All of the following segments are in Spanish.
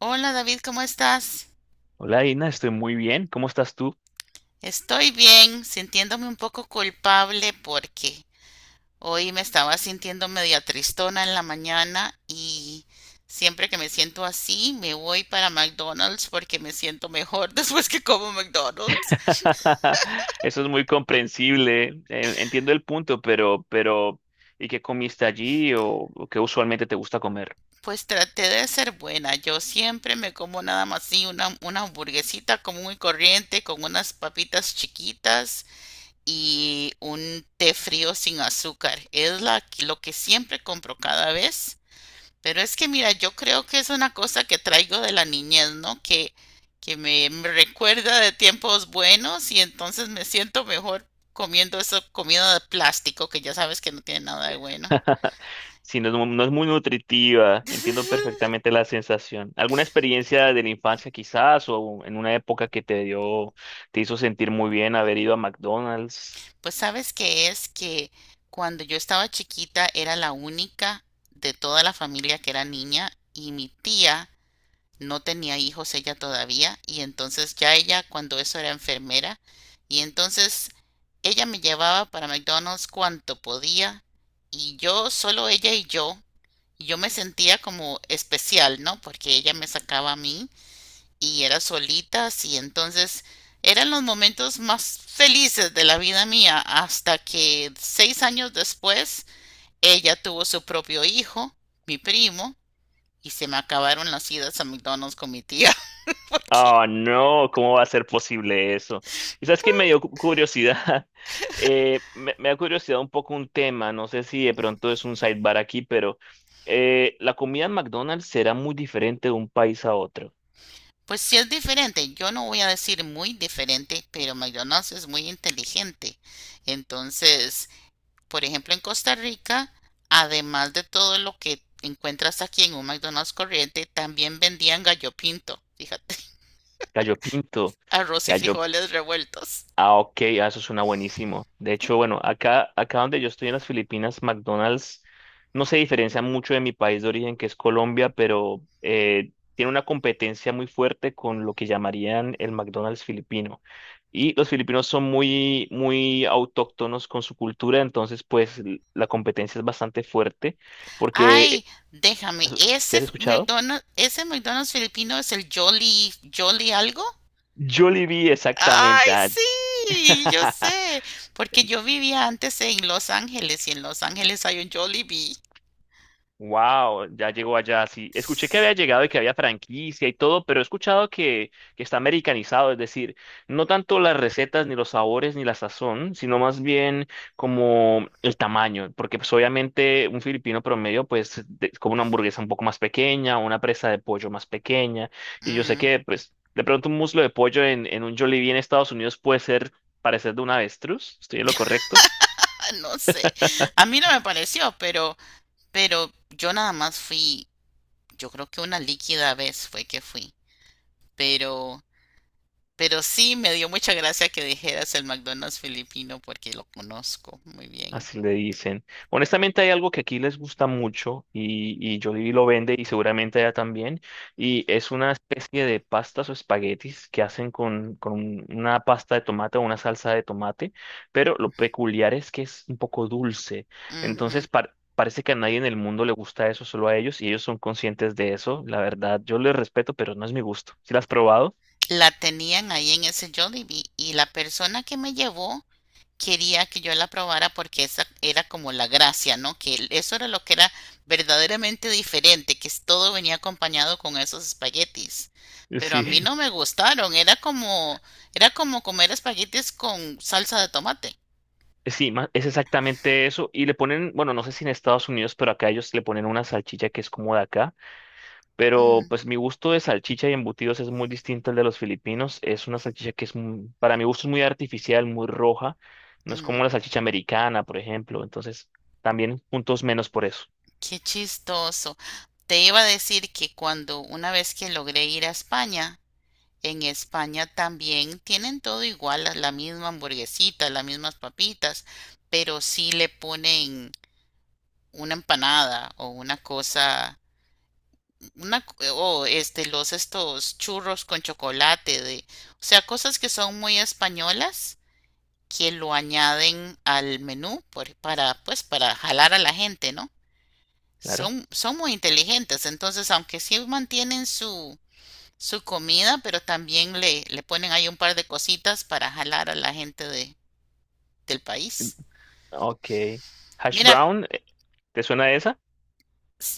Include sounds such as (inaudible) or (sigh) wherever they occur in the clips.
Hola David, ¿cómo estás? Hola, Ina, estoy muy bien. ¿Cómo estás tú? Estoy bien, sintiéndome un poco culpable porque hoy me estaba sintiendo media tristona en la mañana y siempre que me siento así me voy para McDonald's porque me siento mejor (laughs) después que como McDonald's. (laughs) Eso es muy comprensible. Entiendo el punto, pero, ¿y qué comiste allí o qué usualmente te gusta comer? Pues traté de ser buena, yo siempre me como nada más así una hamburguesita común y corriente con unas papitas chiquitas y un té frío sin azúcar. Es lo que siempre compro cada vez. Pero es que mira, yo creo que es una cosa que traigo de la niñez, ¿no? Que me recuerda de tiempos buenos y entonces me siento mejor comiendo esa comida de plástico que ya sabes que no tiene nada de bueno. (laughs) Si no, es no es muy nutritiva, entiendo (laughs) perfectamente la sensación. ¿Alguna experiencia de la infancia quizás o en una época que te dio, te hizo sentir muy bien haber ido a McDonald's? Pues sabes que es que cuando yo estaba chiquita era la única de toda la familia que era niña y mi tía no tenía hijos ella todavía y entonces ya ella cuando eso era enfermera y entonces ella me llevaba para McDonald's cuanto podía y yo solo ella y yo me sentía como especial, ¿no? Porque ella me sacaba a mí y era solita y entonces eran los momentos más felices de la vida mía hasta que 6 años después ella tuvo su propio hijo, mi primo, y se me acabaron las idas a McDonald's con mi tía. Ok. Ah, no, ¿cómo va a ser posible eso? Y sabes que me dio curiosidad. (laughs) Me da curiosidad un poco un tema, no sé si de pronto es un sidebar aquí, pero la comida en McDonald's será muy diferente de un país a otro. Pues sí es diferente, yo no voy a decir muy diferente, pero McDonald's es muy inteligente. Entonces, por ejemplo, en Costa Rica, además de todo lo que encuentras aquí en un McDonald's corriente, también vendían gallo pinto, fíjate, (laughs) Gallo pinto, arroz y gallo. frijoles revueltos. Ah, ok, ah, eso suena buenísimo. De hecho, bueno, acá donde yo estoy en las Filipinas, McDonald's no se diferencia mucho de mi país de origen, que es Colombia, pero tiene una competencia muy fuerte con lo que llamarían el McDonald's filipino. Y los filipinos son muy, muy autóctonos con su cultura, entonces, pues, la competencia es bastante fuerte, Ay, porque, déjame, ¿si has escuchado? Ese McDonald's filipino es el Jolly, Jolly algo. Jollibee, Ay, exactamente. Ah. sí, yo (laughs) sé, porque yo vivía antes en Los Ángeles y en Los Ángeles hay un Jollibee. Wow, ya llegó allá. Sí, escuché que había llegado y que había franquicia y todo, pero he escuchado que está americanizado, es decir, no tanto las recetas, ni los sabores, ni la sazón, sino más bien como el tamaño, porque pues obviamente un filipino promedio pues come una hamburguesa un poco más pequeña, una presa de pollo más pequeña, y yo sé Mm, que pues de pronto un muslo de pollo en un Jollibee en Estados Unidos puede ser parecer de un avestruz, ¿estoy en lo correcto? ah, no sé, a mí no me pareció, pero yo nada más fui, yo creo que una líquida vez fue que fui, pero, pero sí me dio mucha gracia que dijeras el McDonald's filipino porque lo conozco muy bien. Así le dicen. Honestamente hay algo que aquí les gusta mucho y Jollibee lo vende y seguramente allá también. Y es una especie de pastas o espaguetis que hacen con una pasta de tomate o una salsa de tomate, pero lo peculiar es que es un poco dulce. Ujú. Entonces parece que a nadie en el mundo le gusta eso, solo a ellos, y ellos son conscientes de eso. La verdad, yo les respeto, pero no es mi gusto. ¿Si las has probado? La tenían ahí en ese Jollibee y la persona que me llevó quería que yo la probara porque esa era como la gracia, ¿no? Eso era lo que era verdaderamente diferente, todo venía acompañado con esos espaguetis. (laughs) Pero a mí Sí. no me gustaron, era como comer espaguetis con salsa de tomate. Sí, es exactamente eso. Y le ponen, bueno, no sé si en Estados Unidos, pero acá ellos le ponen una salchicha que es como de acá. Pero Mm, pues mi gusto de salchicha y embutidos es muy distinto al de los filipinos. Es una salchicha que es, para mi gusto, es muy artificial, muy roja. No es mm, como la salchicha americana, por ejemplo. Entonces, también puntos menos por eso. qué chistoso. Te iba a decir que cuando una vez que logré ir a España, en España también tienen todo igual, la misma hamburguesita, las mismas papitas, pero sí le ponen una empanada o una cosa, una, c- o este, los estos churros con chocolate o sea, cosas que son muy españolas que lo añaden al menú para, pues, para jalar a la gente, ¿no? Claro. Son muy inteligentes, entonces, aunque sí mantienen su comida, pero también le ponen ahí un par de cositas para jalar a la gente del país. Ok. Hash Mira, brown, ¿te suena esa?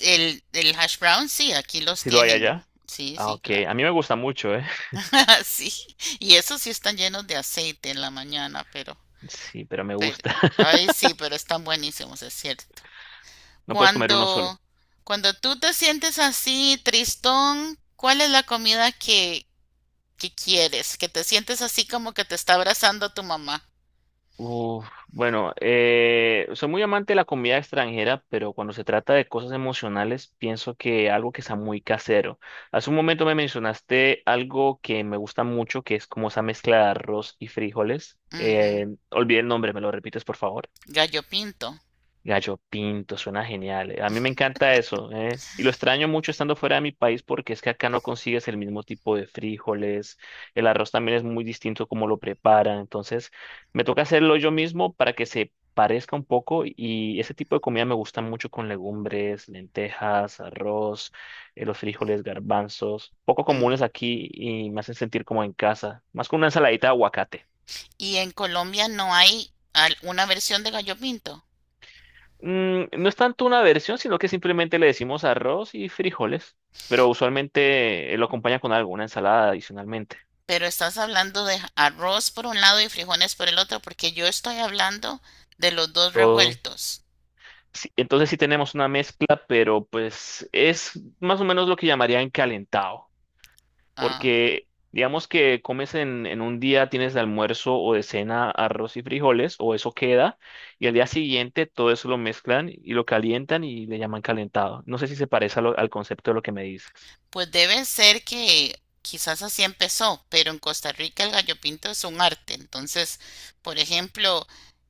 el hash brown, sí, aquí los Si lo hay tienen. allá. Sí, Ah, sí, ok. claro. A mí me gusta mucho, ¿eh? (laughs) (laughs) Sí, y esos sí están llenos de aceite en la mañana, Sí, pero me pero, gusta. (laughs) ay, sí, pero están buenísimos, es cierto. No puedes comer uno solo. Cuando, cuando tú te sientes así, tristón, ¿cuál es la comida que quieres? Que te sientes así como que te está abrazando tu mamá. Uf, bueno, soy muy amante de la comida extranjera, pero cuando se trata de cosas emocionales, pienso que algo que está muy casero. Hace un momento me mencionaste algo que me gusta mucho, que es como esa mezcla de arroz y frijoles. Ujú, Olvidé el nombre, ¿me lo repites, por favor? gallo pinto. Gallo Pinto, suena genial. Eh. A mí me encanta eso, ¿eh? Y lo extraño mucho estando fuera de mi país porque es que acá no consigues el mismo tipo de frijoles, el arroz también es muy distinto como lo preparan, entonces me toca hacerlo yo mismo para que se parezca un poco y ese tipo de comida me gusta mucho con legumbres, lentejas, arroz, los frijoles, garbanzos, poco Mm. comunes aquí y me hacen sentir como en casa, más con una ensaladita de aguacate. Y en Colombia no hay una versión de gallo pinto, Mm, no es tanto una versión, sino que simplemente le decimos arroz y frijoles, pero usualmente lo acompaña con alguna ensalada adicionalmente. pero estás hablando de arroz por un lado y frijoles por el otro, porque yo estoy hablando de los dos Todo. revueltos. Sí, entonces sí tenemos una mezcla, pero pues es más o menos lo que llamarían calentado, Ah, porque digamos que comes en un día, tienes de almuerzo o de cena arroz y frijoles, o eso queda, y al día siguiente todo eso lo mezclan y lo calientan y le llaman calentado. No sé si se parece a al concepto de lo que me dices. pues debe ser que quizás así empezó, pero en Costa Rica el gallo pinto es un arte. Entonces, por ejemplo,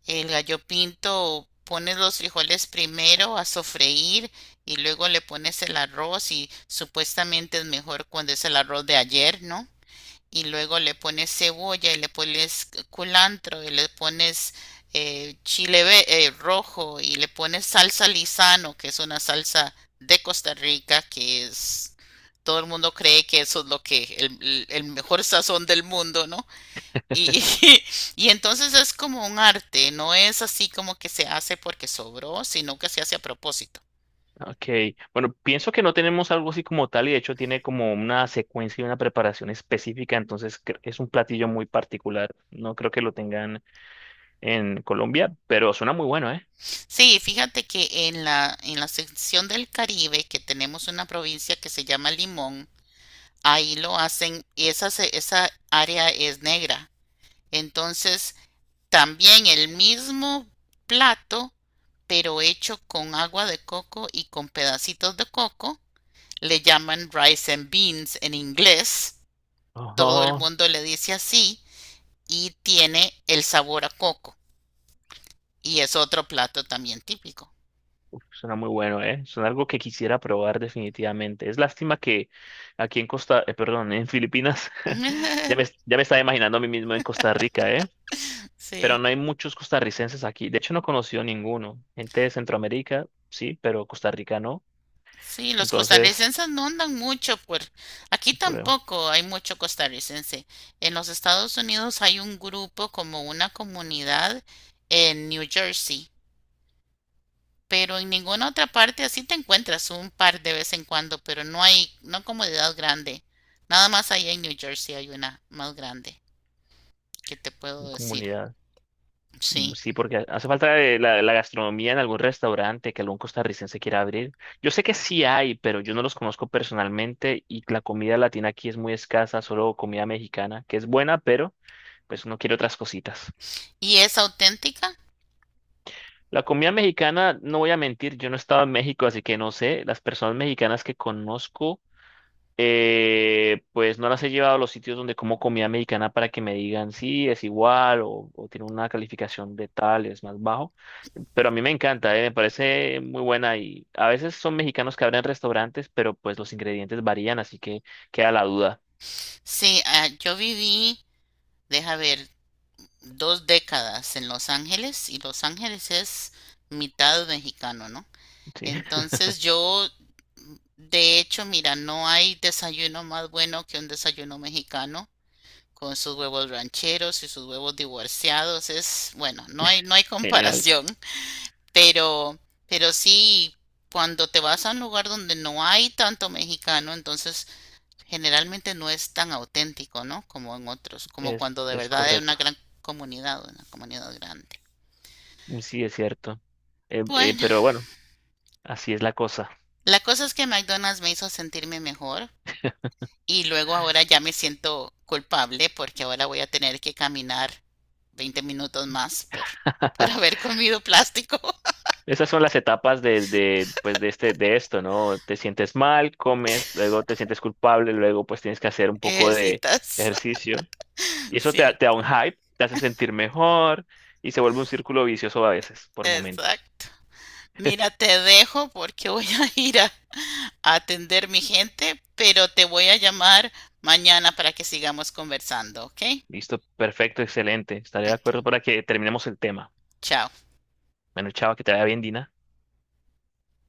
el gallo pinto pones los frijoles primero a sofreír y luego le pones el arroz y supuestamente es mejor cuando es el arroz de ayer, ¿no? Y luego le pones cebolla y le pones culantro y le pones chile rojo y le pones salsa lisano, que es una salsa de Costa Rica, que es, todo el mundo cree que eso es lo que, el mejor sazón del mundo, ¿no? Y (laughs) y entonces es como un arte, no es así como que se hace porque sobró, sino que se hace a propósito. Ok, bueno, pienso que no tenemos algo así como tal y de hecho tiene como una secuencia y una preparación específica, entonces es un platillo muy particular. No creo que lo tengan en Colombia, pero suena muy bueno, ¿eh? Sí, fíjate que en en la sección del Caribe, que tenemos una provincia que se llama Limón, ahí lo hacen y esa área es negra. Entonces, también el mismo plato, pero hecho con agua de coco y con pedacitos de coco, le llaman rice and beans en inglés. Todo el Oh, mundo le dice así y tiene el sabor a coco. Y es otro plato también típico. suena muy bueno, ¿eh? Suena algo que quisiera probar definitivamente. Es lástima que aquí en Costa, perdón, en Filipinas, (laughs) (laughs) ya me estaba imaginando a mí mismo en Costa Rica, ¿eh? Pero Sí. no hay muchos costarricenses aquí. De hecho, no he conocido ninguno. Gente de Centroamérica, sí, pero Costa Rica no. Sí, los Entonces... costarricenses no andan mucho por aquí por tampoco hay mucho costarricense. En los Estados Unidos hay un grupo como una comunidad en New Jersey, pero en ninguna otra parte así te encuentras un par de vez en cuando, pero no hay, no comunidad grande. Nada más allá en New Jersey hay una más grande que te puedo mi decir. comunidad. Mm, Sí. sí, porque hace falta la gastronomía en algún restaurante que algún costarricense quiera abrir. Yo sé que sí hay, pero yo no los conozco personalmente y la comida latina aquí es muy escasa, solo comida mexicana, que es buena, pero pues uno quiere otras cositas. ¿Y es auténtica? La comida mexicana, no voy a mentir, yo no he estado en México, así que no sé. Las personas mexicanas que conozco pues no las he llevado a los sitios donde como comida mexicana para que me digan sí, es igual o tiene una calificación de tal, es más bajo. Pero a mí me encanta, me parece muy buena y a veces son mexicanos que abren restaurantes, pero pues los ingredientes varían, así que queda la duda. Sí, ah, yo viví, deja ver, 2 décadas en Los Ángeles y Los Ángeles es mitad mexicano, ¿no? Sí. (laughs) Entonces yo, de hecho, mira, no hay desayuno más bueno que un desayuno mexicano con sus huevos rancheros y sus huevos divorciados. Es, bueno, no hay, no hay (laughs) Genial, comparación, pero, pero sí, cuando te vas a un lugar donde no hay tanto mexicano, entonces generalmente no es tan auténtico, ¿no? Como en otros, como cuando de es verdad hay una correcto. gran comunidad, una comunidad grande. Sí, es cierto. Bueno, Pero bueno, así es la cosa. la cosa es que McDonald's me hizo sentirme mejor y luego ahora ya me siento culpable porque ahora voy a tener que caminar 20 minutos más por (laughs) haber comido plástico. Esas son las etapas de, pues de este, de esto, ¿no? Te sientes mal, comes, luego te sientes culpable, luego pues tienes que hacer un (laughs) poco de Ejercitas, ejercicio. Y eso te, te da un ¿cierto? hype, te hace sentir mejor y se vuelve un círculo vicioso a veces, por momentos. Exacto. Mira, te dejo porque voy a ir a atender mi gente, pero te voy a llamar mañana para que sigamos conversando, ¿ok? Listo, perfecto, excelente. Estaré de Ok, acuerdo para que terminemos el tema. chao. Bueno, chao, que te vaya bien, Dina.